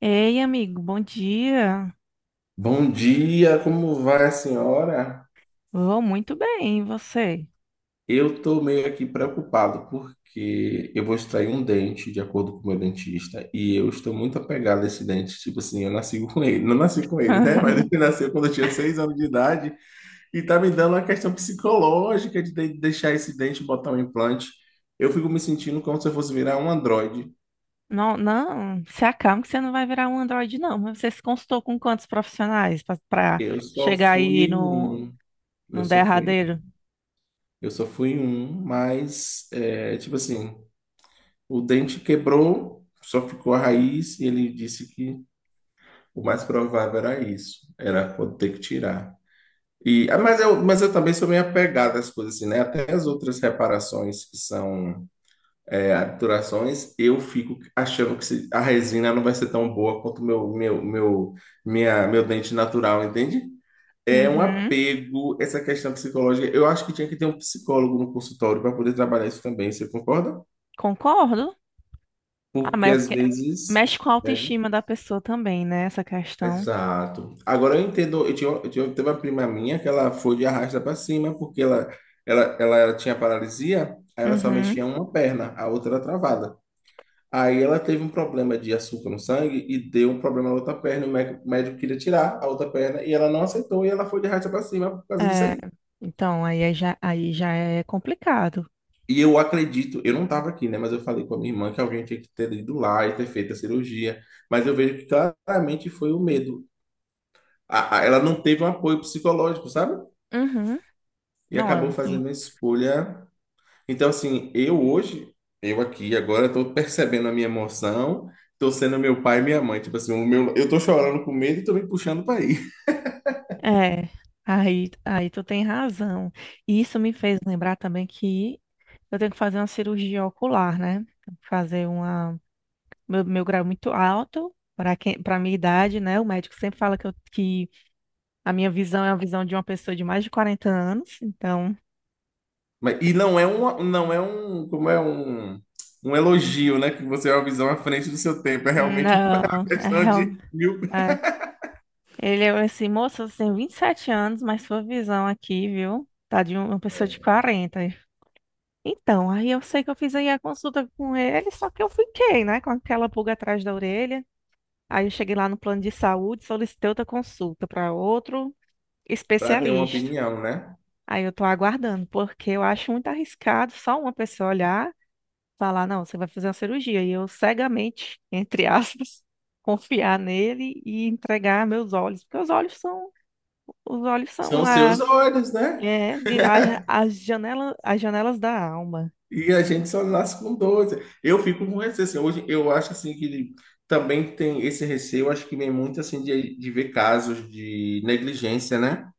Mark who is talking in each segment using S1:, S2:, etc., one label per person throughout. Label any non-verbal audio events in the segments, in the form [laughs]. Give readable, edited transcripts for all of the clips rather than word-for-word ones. S1: Ei, amigo, bom dia.
S2: Bom dia, como vai a senhora?
S1: Vou muito bem, e você?
S2: Eu tô meio aqui preocupado porque eu vou extrair um dente, de acordo com o meu dentista, e eu estou muito apegado a esse dente. Tipo assim, eu nasci com ele, não nasci com ele, né? Mas ele
S1: [laughs]
S2: nasceu quando eu tinha 6 anos de idade e tá me dando uma questão psicológica de deixar esse dente e botar um implante. Eu fico me sentindo como se eu fosse virar um androide.
S1: Não, não, se acalma que você não vai virar um androide, não. Mas você se consultou com quantos profissionais para
S2: Eu só
S1: chegar
S2: fui
S1: aí
S2: em
S1: no,
S2: um, eu
S1: num
S2: só fui,
S1: derradeiro?
S2: eu só fui em um, mas é, tipo assim. O dente quebrou, só ficou a raiz, e ele disse que o mais provável era isso, era ter que tirar. E, ah, mas, mas eu também sou meio apegado às coisas assim, né? Até as outras reparações que são obturações, eu fico achando que a resina não vai ser tão boa quanto o meu dente natural, entende? É um
S1: Uhum,
S2: apego, essa questão psicológica. Eu acho que tinha que ter um psicólogo no consultório para poder trabalhar isso também, você concorda?
S1: concordo. Ah,
S2: Porque
S1: mas é
S2: às
S1: porque
S2: vezes.
S1: mexe com a
S2: Né?
S1: autoestima da pessoa também, né? Essa questão.
S2: Exato. Agora eu entendo, teve uma prima minha que ela foi de arrasta para cima, porque ela tinha paralisia, aí ela só
S1: Uhum,
S2: mexia uma perna, a outra era travada. Aí ela teve um problema de açúcar no sangue e deu um problema na outra perna, e o médico queria tirar a outra perna e ela não aceitou e ela foi de arrasta para cima por causa disso
S1: é,
S2: aí.
S1: então, aí já é complicado.
S2: E eu acredito, eu não estava aqui, né, mas eu falei com a minha irmã que alguém tinha que ter ido lá e ter feito a cirurgia, mas eu vejo que claramente foi o medo. Ela não teve um apoio psicológico, sabe?
S1: Uhum,
S2: E
S1: não,
S2: acabou
S1: é.
S2: fazendo a escolha. Então, assim, eu hoje, eu aqui agora, estou percebendo a minha emoção, estou sendo meu pai e minha mãe. Tipo assim, eu estou chorando com medo e estou me puxando para ir. [laughs]
S1: É, aí tu tem razão. E isso me fez lembrar também que eu tenho que fazer uma cirurgia ocular, né? Tenho que fazer uma. Meu grau é muito alto para minha idade, né? O médico sempre fala que a minha visão é a visão de uma pessoa de mais de 40 anos. Então,
S2: Mas, e não é uma, não é um, como é um, um elogio, né? Que você é uma visão à frente do seu tempo. É realmente [laughs] uma
S1: não, [laughs] é,
S2: questão de mil.
S1: é. Ele é assim, moça, você tem 27 anos, mas sua visão aqui, viu? Tá de uma pessoa de
S2: [laughs]
S1: 40. Então, aí eu sei que eu fiz aí a consulta com ele, só que eu fiquei, né, com aquela pulga atrás da orelha. Aí eu cheguei lá no plano de saúde, solicitei outra consulta para outro
S2: Para ter uma
S1: especialista.
S2: opinião, né?
S1: Aí eu tô aguardando, porque eu acho muito arriscado só uma pessoa olhar, falar, não, você vai fazer uma cirurgia, e eu cegamente, entre aspas, [laughs] confiar nele e entregar meus olhos, porque os olhos são
S2: São
S1: a,
S2: seus olhos, né?
S1: é, de- a, ja- as janela, as janelas da alma.
S2: E a gente só nasce com 12. Eu fico com receio, assim, hoje eu acho assim que também tem esse receio, acho que vem muito assim de ver casos de negligência, né?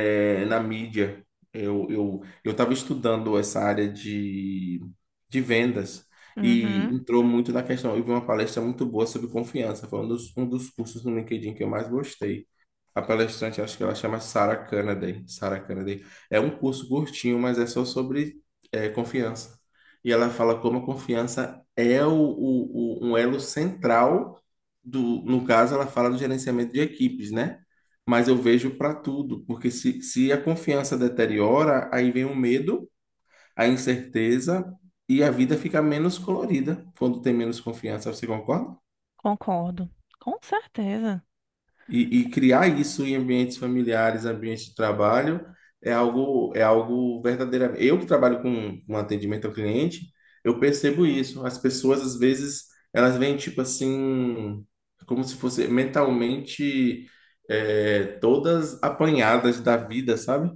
S2: É, na mídia. Eu estava estudando essa área de vendas e
S1: Uhum.
S2: entrou muito na questão. Eu vi uma palestra muito boa sobre confiança, foi um dos cursos no LinkedIn que eu mais gostei. A palestrante, acho que ela chama Sarah Canaday. Sarah Canaday. É um curso curtinho, mas é só sobre confiança. E ela fala como a confiança é um elo central do, no caso, ela fala do gerenciamento de equipes, né? Mas eu vejo para tudo, porque se a confiança deteriora, aí vem o medo, a incerteza e a vida fica menos colorida quando tem menos confiança. Você concorda?
S1: Concordo. Com certeza.
S2: E criar isso em ambientes familiares, ambientes de trabalho, é algo verdadeiro. Eu que trabalho com atendimento ao cliente, eu percebo isso. As pessoas, às vezes, elas vêm, tipo assim, como se fosse mentalmente, é, todas apanhadas da vida, sabe?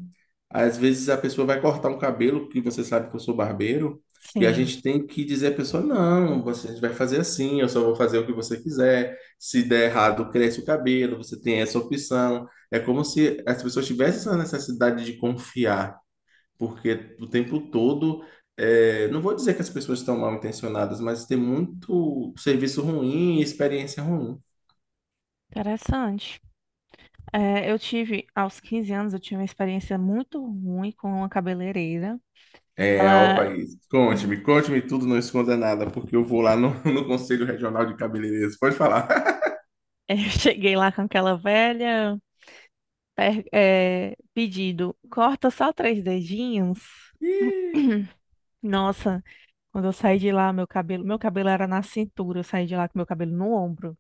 S2: Às vezes a pessoa vai cortar um cabelo, que você sabe que eu sou barbeiro, e a
S1: Sim,
S2: gente tem que dizer à pessoa, não, você vai fazer assim, eu só vou fazer o que você quiser. Se der errado, cresce o cabelo, você tem essa opção. É como se as pessoas tivessem essa necessidade de confiar, porque o tempo todo, é, não vou dizer que as pessoas estão mal intencionadas, mas tem muito serviço ruim e experiência ruim.
S1: interessante. É, eu tive, aos 15 anos, eu tive uma experiência muito ruim com uma cabeleireira.
S2: É, ó,
S1: Ela,
S2: país.
S1: hum,
S2: Conte-me, conte-me tudo, não esconda nada, porque eu vou lá no, [laughs] no Conselho Regional de Cabeleireiros. Pode falar.
S1: [laughs] eu cheguei lá com aquela velha, pedido, corta só três dedinhos.
S2: [laughs] Ih,
S1: [clears throat] Nossa, quando eu saí de lá, meu cabelo era na cintura, eu saí de lá com meu cabelo no ombro.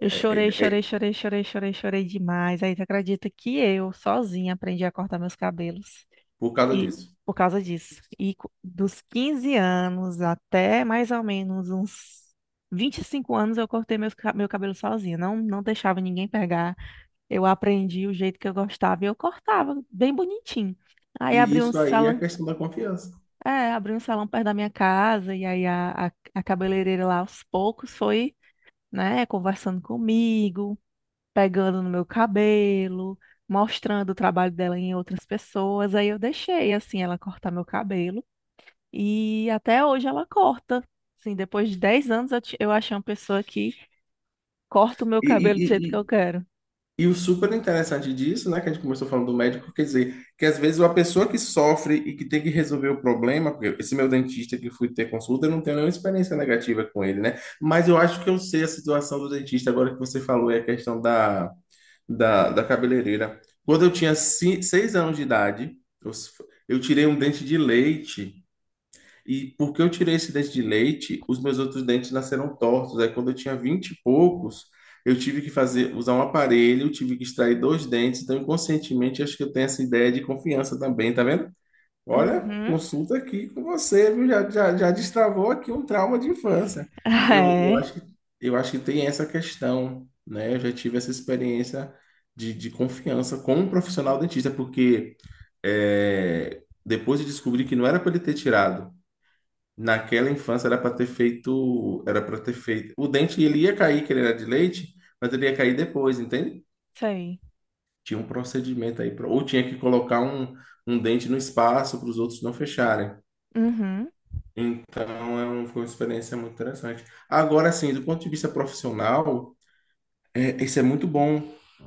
S1: Eu
S2: é,
S1: chorei,
S2: é,
S1: chorei,
S2: é,
S1: chorei, chorei, chorei, chorei demais. Aí tu acredita que eu, sozinha, aprendi a cortar meus cabelos.
S2: por causa
S1: E
S2: disso.
S1: por causa disso. E dos 15 anos até mais ou menos uns 25 anos eu cortei meu cabelo sozinha. Não, não deixava ninguém pegar. Eu aprendi o jeito que eu gostava e eu cortava bem bonitinho. Aí
S2: E isso aí é a questão da confiança.
S1: abri um salão perto da minha casa e aí a cabeleireira lá aos poucos foi, né, conversando comigo, pegando no meu cabelo. Mostrando o trabalho dela em outras pessoas, aí eu deixei assim ela cortar meu cabelo. E até hoje ela corta. Assim, depois de 10 anos eu achei uma pessoa que corta o meu
S2: E,
S1: cabelo do jeito que eu
S2: e,
S1: quero.
S2: E o super interessante disso, né, que a gente começou falando do médico, quer dizer, que às vezes a pessoa que sofre e que tem que resolver o problema, porque esse meu dentista que fui ter consulta, eu não tenho nenhuma experiência negativa com ele, né? Mas eu acho que eu sei a situação do dentista, agora que você falou, é a questão da cabeleireira. Quando eu tinha 6 anos de idade, eu, s- eu tirei um dente de leite e porque eu tirei esse dente de leite, os meus outros dentes nasceram tortos. Aí quando eu tinha 20 e poucos, eu tive que fazer, usar um aparelho, tive que extrair dois dentes. Então, inconscientemente, acho que eu tenho essa ideia de confiança também, tá vendo? Olha,
S1: Uhum. [laughs]
S2: consulta aqui com você, viu? Já destravou aqui um trauma de infância. Eu, eu
S1: É,
S2: acho que, eu acho que tem essa questão, né? Eu já tive essa experiência de confiança com um profissional dentista, porque é, depois de descobrir que não era para ele ter tirado. Naquela infância era para ter feito, era para ter feito. O dente ele ia cair, que ele era de leite, mas ele ia cair depois, entende?
S1: isso aí.
S2: Tinha um procedimento aí, ou tinha que colocar um dente no espaço para os outros não fecharem.
S1: Uhum.
S2: Então é foi uma experiência muito interessante. Agora sim, do ponto de vista profissional, é, isso é muito bom.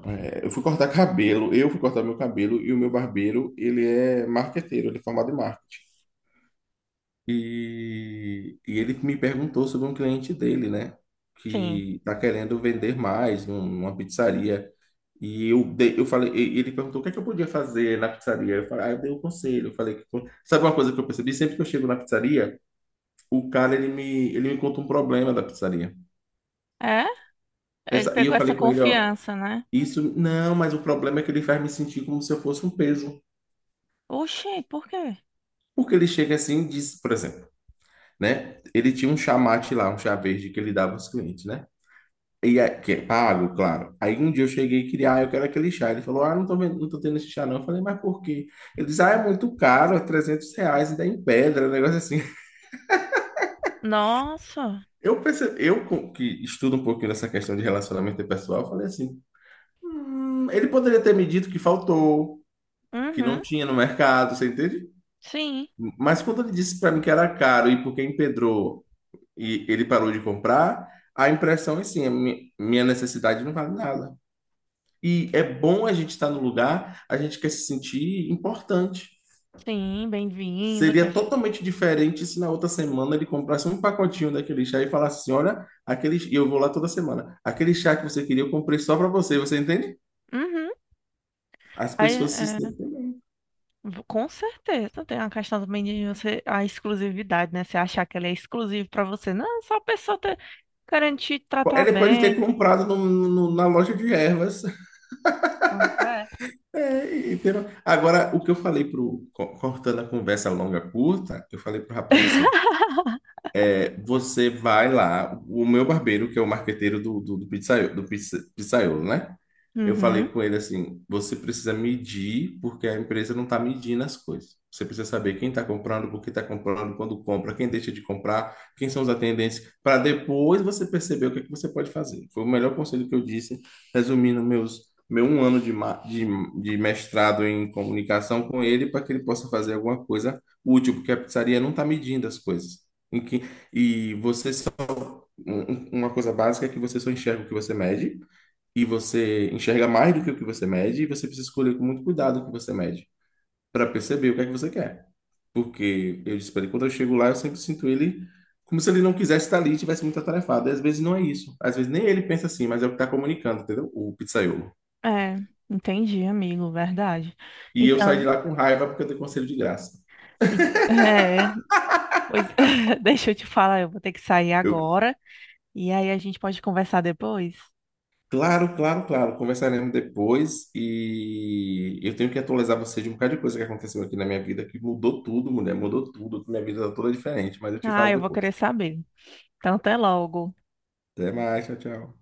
S2: É, eu fui cortar meu cabelo e o meu barbeiro, ele é marqueteiro, ele é formado em marketing. E ele me perguntou sobre um cliente dele, né?
S1: Sim.
S2: Que tá querendo vender mais numa pizzaria. Eu falei, e ele perguntou o que é que eu podia fazer na pizzaria. Eu falei, ah, eu dei um conselho. Eu falei, que sabe uma coisa que eu percebi? Sempre que eu chego na pizzaria, o cara ele me conta um problema da pizzaria.
S1: É? Ele
S2: Essa, e eu
S1: pegou essa
S2: falei com ele, ó,
S1: confiança, né?
S2: isso não, mas o problema é que ele faz me sentir como se eu fosse um peso.
S1: Oxi, por quê?
S2: Porque ele chega assim e diz, por exemplo, né? Ele tinha um chamate lá, um chá verde que ele dava aos clientes, né? E é, que é pago, claro. Aí um dia eu cheguei e queria, ah, eu quero aquele chá. Ele falou, ah, não tô tendo esse chá não. Eu falei, mas por quê? Ele disse, ah, é muito caro, é R$ 300, ainda é em pedra, um negócio assim. [laughs]
S1: Nossa.
S2: Eu percebi, que estudo um pouquinho nessa questão de relacionamento pessoal, eu falei assim, ele poderia ter me dito que faltou, que não
S1: Uhum.
S2: tinha no mercado, você entende?
S1: Sim.
S2: Mas quando ele disse para mim que era caro e porque empedrou e ele parou de comprar, a impressão é assim, a minha necessidade não vale nada. E é bom a gente estar no lugar, a gente quer se sentir importante.
S1: Sim, bem-vindo.
S2: Seria totalmente diferente se na outra semana ele comprasse um pacotinho daquele chá e falasse assim: olha, aquele... e eu vou lá toda semana. Aquele chá que você queria, eu comprei só para você, você entende?
S1: Uhum.
S2: As
S1: Aí,
S2: pessoas se
S1: é,
S2: sentem.
S1: com certeza tem uma questão também de você, a exclusividade, né? Você achar que ele é exclusivo pra você. Não, é só a pessoa ter, garantir te tratar
S2: Ele pode ter
S1: bem.
S2: comprado na loja de ervas. [laughs]
S1: Pois é.
S2: É, entendeu? Agora, o que eu falei pro. Cortando a conversa longa curta, eu falei pro rapaz assim. É, você vai lá, o meu barbeiro, que é o marqueteiro pizzaiolo, pizzaiolo, né? Eu falei
S1: Uhum.
S2: com ele assim: você precisa medir, porque a empresa não está medindo as coisas. Você precisa saber quem está comprando, por que está comprando, quando compra, quem deixa de comprar, quem são os atendentes, para depois você perceber o que é que você pode fazer. Foi o melhor conselho que eu disse, resumindo meu um ano de mestrado em comunicação com ele, para que ele possa fazer alguma coisa útil, porque a pizzaria não está medindo as coisas. E você, um, uma coisa básica é que você só enxerga o que você mede, e você enxerga mais do que o que você mede, e você precisa escolher com muito cuidado o que você mede, para perceber o que é que você quer. Porque eu disse para ele, quando eu chego lá, eu sempre sinto ele como se ele não quisesse estar ali e tivesse muito atarefado. E às vezes não é isso. Às vezes nem ele pensa assim, mas é o que está comunicando, entendeu? O pizzaiolo.
S1: É, entendi, amigo, verdade.
S2: E eu saí de
S1: Então,
S2: lá com raiva porque eu dei conselho de graça.
S1: e- é, pois [laughs] deixa eu te falar, eu vou ter que sair
S2: Eu,
S1: agora e aí a gente pode conversar depois.
S2: Claro, claro, claro. Conversaremos depois e eu tenho que atualizar você de um bocado de coisa que aconteceu aqui na minha vida, que mudou tudo, mulher, mudou tudo. Minha vida tá toda diferente, mas eu te
S1: Ah,
S2: falo
S1: eu vou
S2: depois.
S1: querer saber. Então, até logo.
S2: Até mais, tchau, tchau.